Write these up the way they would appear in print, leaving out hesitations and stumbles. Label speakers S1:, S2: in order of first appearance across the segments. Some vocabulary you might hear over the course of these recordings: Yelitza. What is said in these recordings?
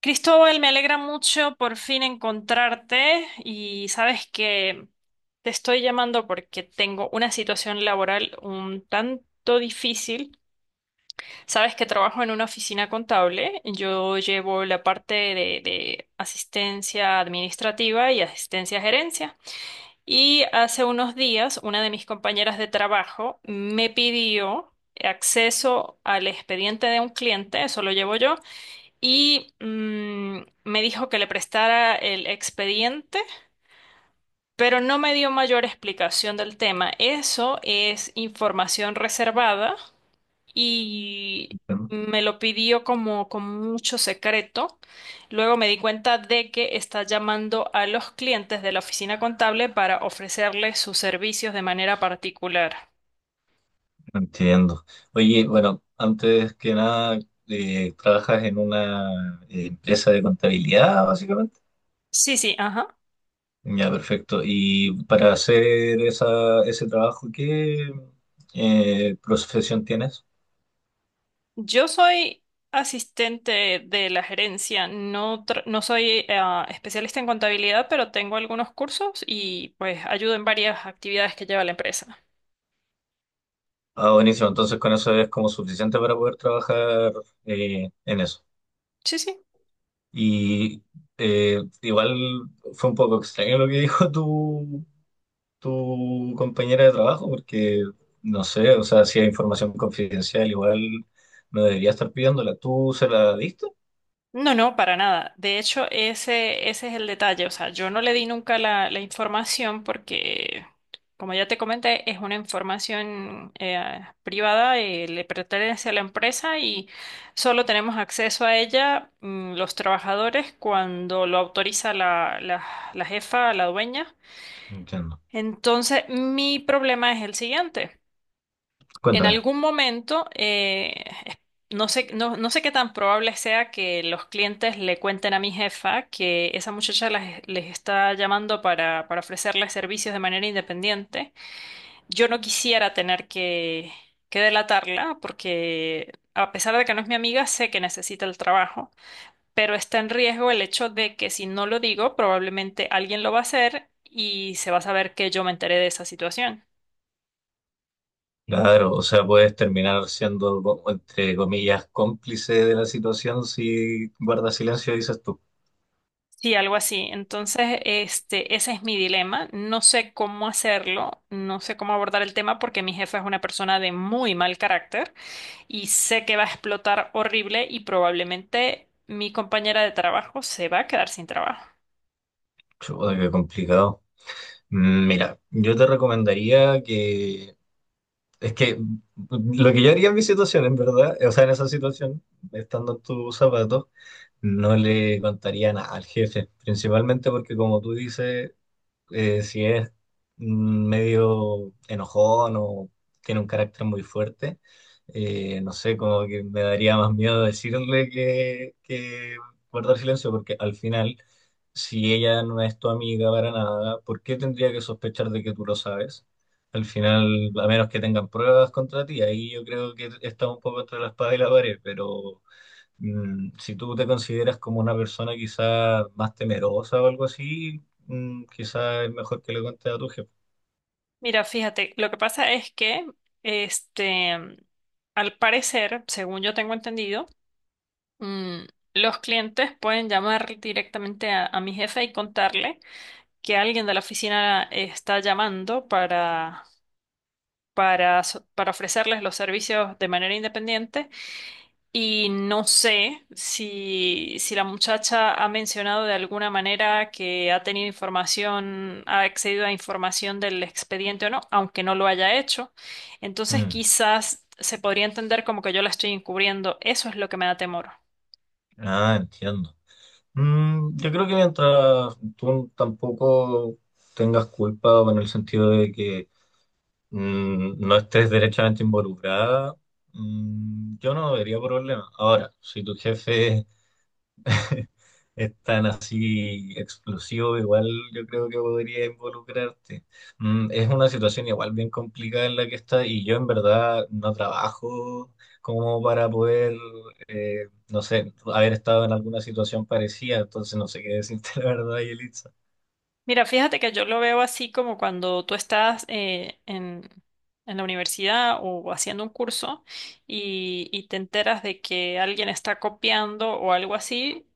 S1: Cristóbal, me alegra mucho por fin encontrarte y sabes que te estoy llamando porque tengo una situación laboral un tanto difícil. Sabes que trabajo en una oficina contable, yo llevo la parte de asistencia administrativa y asistencia a gerencia. Y hace unos días una de mis compañeras de trabajo me pidió acceso al expediente de un cliente, eso lo llevo yo y me dijo que le prestara el expediente, pero no me dio mayor explicación del tema. Eso es información reservada y
S2: Bueno.
S1: me lo pidió como con mucho secreto. Luego me di cuenta de que está llamando a los clientes de la oficina contable para ofrecerles sus servicios de manera particular.
S2: Entiendo. Oye, bueno, antes que nada, ¿trabajas en una empresa de contabilidad, básicamente?
S1: Sí, sí, ajá.
S2: Ya, perfecto. Y para hacer ese trabajo, ¿qué profesión tienes?
S1: Yo soy asistente de la gerencia, no, no soy especialista en contabilidad, pero tengo algunos cursos y pues ayudo en varias actividades que lleva la empresa.
S2: Ah, buenísimo. Entonces con eso es como suficiente para poder trabajar en eso.
S1: Sí, sí.
S2: Y igual fue un poco extraño lo que dijo tú tu compañera de trabajo, porque no sé, o sea, si hay información confidencial, igual no debería estar pidiéndola. ¿Tú se la diste?
S1: No, no, para nada. De hecho, ese es el detalle. O sea, yo no le di nunca la información porque, como ya te comenté, es una información privada, le pertenece a la empresa y solo tenemos acceso a ella, los trabajadores cuando lo autoriza la jefa, la dueña.
S2: Entiendo.
S1: Entonces, mi problema es el siguiente. En
S2: Cuéntame.
S1: algún momento, no sé, no sé qué tan probable sea que los clientes le cuenten a mi jefa que esa muchacha les está llamando para ofrecerles servicios de manera independiente. Yo no quisiera tener que delatarla, porque a pesar de que no es mi amiga, sé que necesita el trabajo, pero está en riesgo el hecho de que si no lo digo, probablemente alguien lo va a hacer y se va a saber que yo me enteré de esa situación.
S2: Claro, o sea, puedes terminar siendo, co- entre comillas, cómplice de la situación si guardas silencio dices tú.
S1: Sí, algo así. Entonces, este, ese es mi dilema. No sé cómo hacerlo, no sé cómo abordar el tema porque mi jefa es una persona de muy mal carácter y sé que va a explotar horrible y probablemente mi compañera de trabajo se va a quedar sin trabajo.
S2: Chuta, qué complicado. Mm, Mira, yo te recomendaría que, es que lo que yo haría en mi situación, en verdad, o sea, en esa situación, estando en tus zapatos, no le contaría nada al jefe, principalmente porque como tú dices, si es medio enojón o tiene un carácter muy fuerte, no sé, como que me daría más miedo decirle que guardar silencio, porque al final, si ella no es tu amiga para nada, ¿por qué tendría que sospechar de que tú lo sabes? Al final, a menos que tengan pruebas contra ti, ahí yo creo que está un poco entre la espada y la pared, pero si tú te consideras como una persona quizás más temerosa o algo así, mm, quizás es mejor que le cuentes a tu jefe.
S1: Mira, fíjate, lo que pasa es que, este, al parecer, según yo tengo entendido, mm, los clientes pueden llamar directamente a mi jefa y contarle que alguien de la oficina está llamando para ofrecerles los servicios de manera independiente, y no sé si la muchacha ha mencionado de alguna manera que ha tenido información, ha accedido a información del expediente o no, aunque no lo haya hecho. Entonces
S2: Mm,
S1: quizás se podría entender como que yo la estoy encubriendo. Eso es lo que me da temor.
S2: Ah, entiendo. Mm, yo creo que mientras tú tampoco tengas culpa o en el sentido de que no estés derechamente involucrada, mm, yo no debería problema. Ahora, si tu jefe es tan así explosivo, igual yo creo que podría involucrarte. Mm, es una situación igual bien complicada en la que está y yo en verdad no trabajo como para poder, no sé, haber estado en alguna situación parecida, entonces no sé qué decirte la verdad, Yelitza.
S1: Mira, fíjate que yo lo veo así como cuando tú estás en la universidad o haciendo un curso y te enteras de que alguien está copiando o algo así,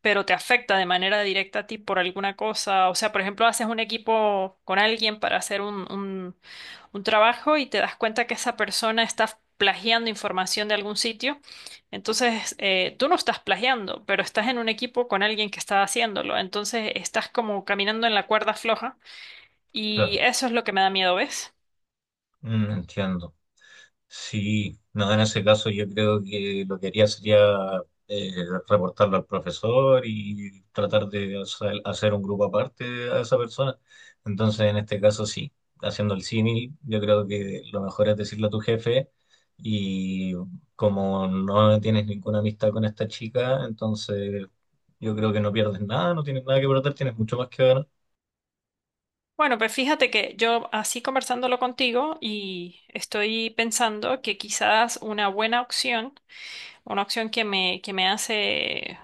S1: pero te afecta de manera directa a ti por alguna cosa. O sea, por ejemplo, haces un equipo con alguien para hacer un trabajo y te das cuenta que esa persona está plagiando información de algún sitio. Entonces, tú no estás plagiando, pero estás en un equipo con alguien que está haciéndolo. Entonces, estás como caminando en la cuerda floja y
S2: Claro,
S1: eso es lo que me da miedo, ¿ves?
S2: Mm, entiendo. Sí, no, en ese caso yo creo que lo que haría sería eh, reportarlo al profesor y tratar de hacer un grupo aparte a esa persona. Entonces, en este caso sí, haciendo el símil, yo creo que lo mejor es decirle a tu jefe y como no tienes ninguna amistad con esta chica, entonces yo creo que no pierdes nada, no tienes nada que perder, tienes mucho más que ganar.
S1: Bueno, pues fíjate que yo así conversándolo contigo y estoy pensando que quizás una buena opción, una opción que que me hace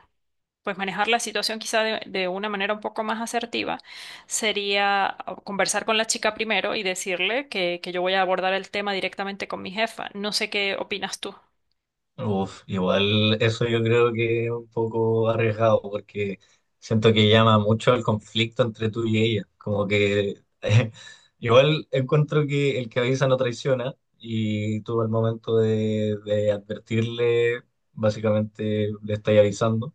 S1: pues manejar la situación quizá de una manera un poco más asertiva, sería conversar con la chica primero y decirle que yo voy a abordar el tema directamente con mi jefa. No sé qué opinas tú.
S2: Uf, igual eso yo creo que es un poco arriesgado porque siento que llama mucho al conflicto entre tú y ella. Como que igual encuentro que el que avisa no traiciona y tú al momento de advertirle, básicamente le estás avisando,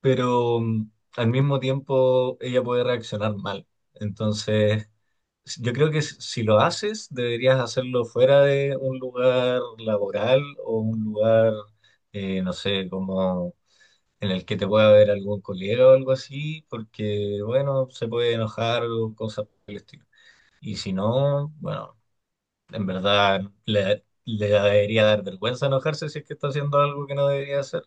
S2: pero al mismo tiempo ella puede reaccionar mal. Entonces, s- yo creo que s- si lo haces, deberías hacerlo fuera de un lugar laboral o un lugar, no sé, como en el que te pueda ver algún colega o algo así, porque, bueno, se puede enojar o cosas por el estilo. Y si no, bueno, en verdad le debería dar vergüenza enojarse si es que está haciendo algo que no debería hacer.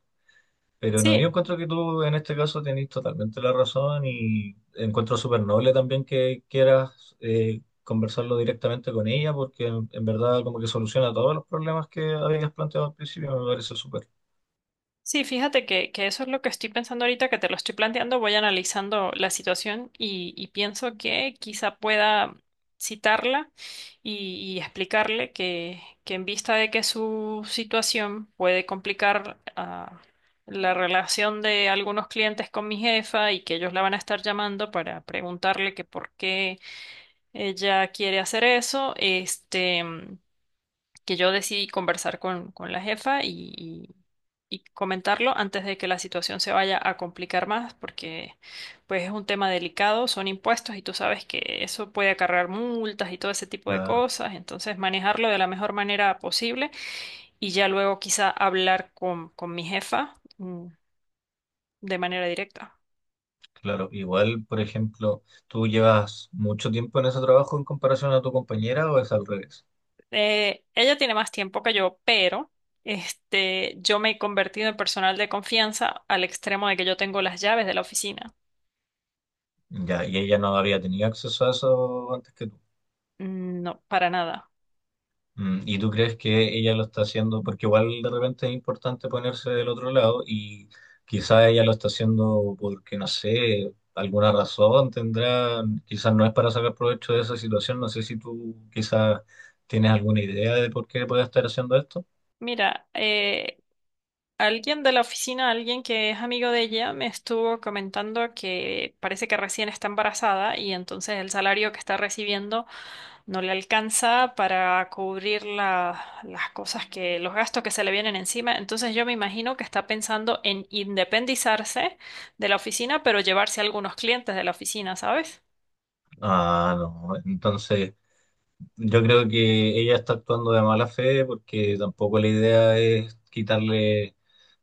S2: Pero no, yo
S1: Sí,
S2: encuentro que tú en este caso tenés totalmente la razón y encuentro súper noble también que quieras conversarlo directamente con ella porque en verdad como que soluciona todos los problemas que habías planteado al principio, me parece súper.
S1: sí, fíjate que eso es lo que estoy pensando ahorita, que te lo estoy planteando. Voy analizando la situación y pienso que quizá pueda citarla y explicarle que en vista de que su situación puede complicar, ah, la relación de algunos clientes con mi jefa y que ellos la van a estar llamando para preguntarle que por qué ella quiere hacer eso, este, que yo decidí conversar con la jefa y comentarlo antes de que la situación se vaya a complicar más, porque pues es un tema delicado, son impuestos y tú sabes que eso puede acarrear multas y todo ese tipo de
S2: Claro,
S1: cosas, entonces manejarlo de la mejor manera posible y ya luego quizá hablar con mi jefa, de manera directa.
S2: claro. Igual, por ejemplo, ¿tú llevas mucho tiempo en ese trabajo en comparación a tu compañera o es al revés?
S1: Ella tiene más tiempo que yo, pero... Este, yo me he convertido en personal de confianza al extremo de que yo tengo las llaves de la oficina.
S2: Ya, y ella no había tenido acceso a eso antes que tú.
S1: Mm, no, para nada.
S2: Mm, ¿Y tú crees que ella lo está haciendo? Porque igual de repente es importante ponerse del otro lado y quizás ella lo está haciendo porque, no sé, alguna razón tendrá, quizás no es para sacar provecho de esa situación, no sé si tú quizás tienes alguna idea de por qué puede estar haciendo esto.
S1: Mira, alguien de la oficina, alguien que es amigo de ella, me estuvo comentando que parece que recién está embarazada y entonces el salario que está recibiendo no le alcanza para cubrir las cosas que, los gastos que se le vienen encima. Entonces yo me imagino que está pensando en independizarse de la oficina, pero llevarse algunos clientes de la oficina, ¿sabes?
S2: Ah, no, entonces yo creo que ella está actuando de mala fe porque tampoco la idea es quitarle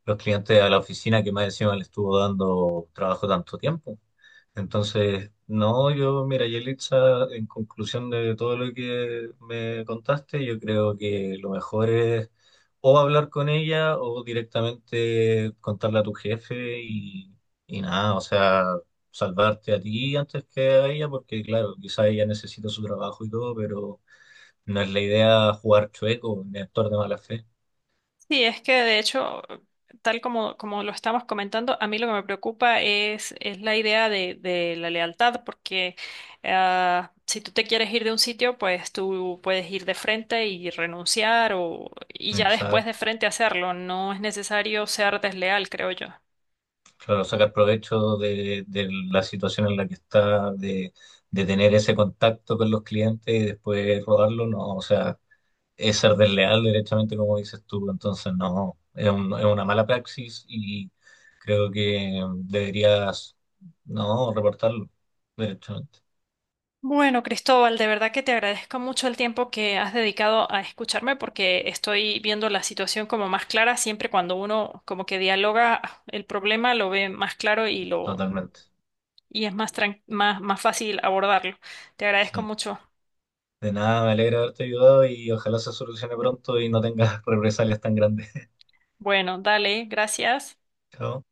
S2: los clientes a la oficina que más encima le estuvo dando trabajo tanto tiempo. Entonces, no, yo, mira, Yelitza, en conclusión de todo lo que me contaste, yo creo que lo mejor es o hablar con ella o directamente contarle a tu jefe y nada, o sea, salvarte a ti antes que a ella, porque claro, quizá ella necesita su trabajo y todo, pero no es la idea jugar chueco ni actuar de mala fe.
S1: Sí, es que de hecho, tal como lo estamos comentando, a mí lo que me preocupa es la idea de la lealtad, porque ah, si tú te quieres ir de un sitio, pues tú puedes ir de frente y renunciar y ya después de
S2: Exacto.
S1: frente hacerlo. No es necesario ser desleal, creo yo.
S2: Claro, sacar provecho de la situación en la que está, de tener ese contacto con los clientes y después rodarlo, no, o sea, es ser desleal directamente, como dices tú, entonces no, es un- es una mala praxis y creo que deberías, no, reportarlo directamente.
S1: Bueno, Cristóbal, de verdad que te agradezco mucho el tiempo que has dedicado a escucharme porque estoy viendo la situación como más clara. Siempre cuando uno como que dialoga el problema lo ve más claro.
S2: Totalmente.
S1: Es más fácil abordarlo. Te agradezco
S2: Sí.
S1: mucho.
S2: De nada, me alegra haberte ayudado y ojalá se solucione pronto y no tengas represalias tan grandes.
S1: Bueno, dale, gracias.
S2: Chao.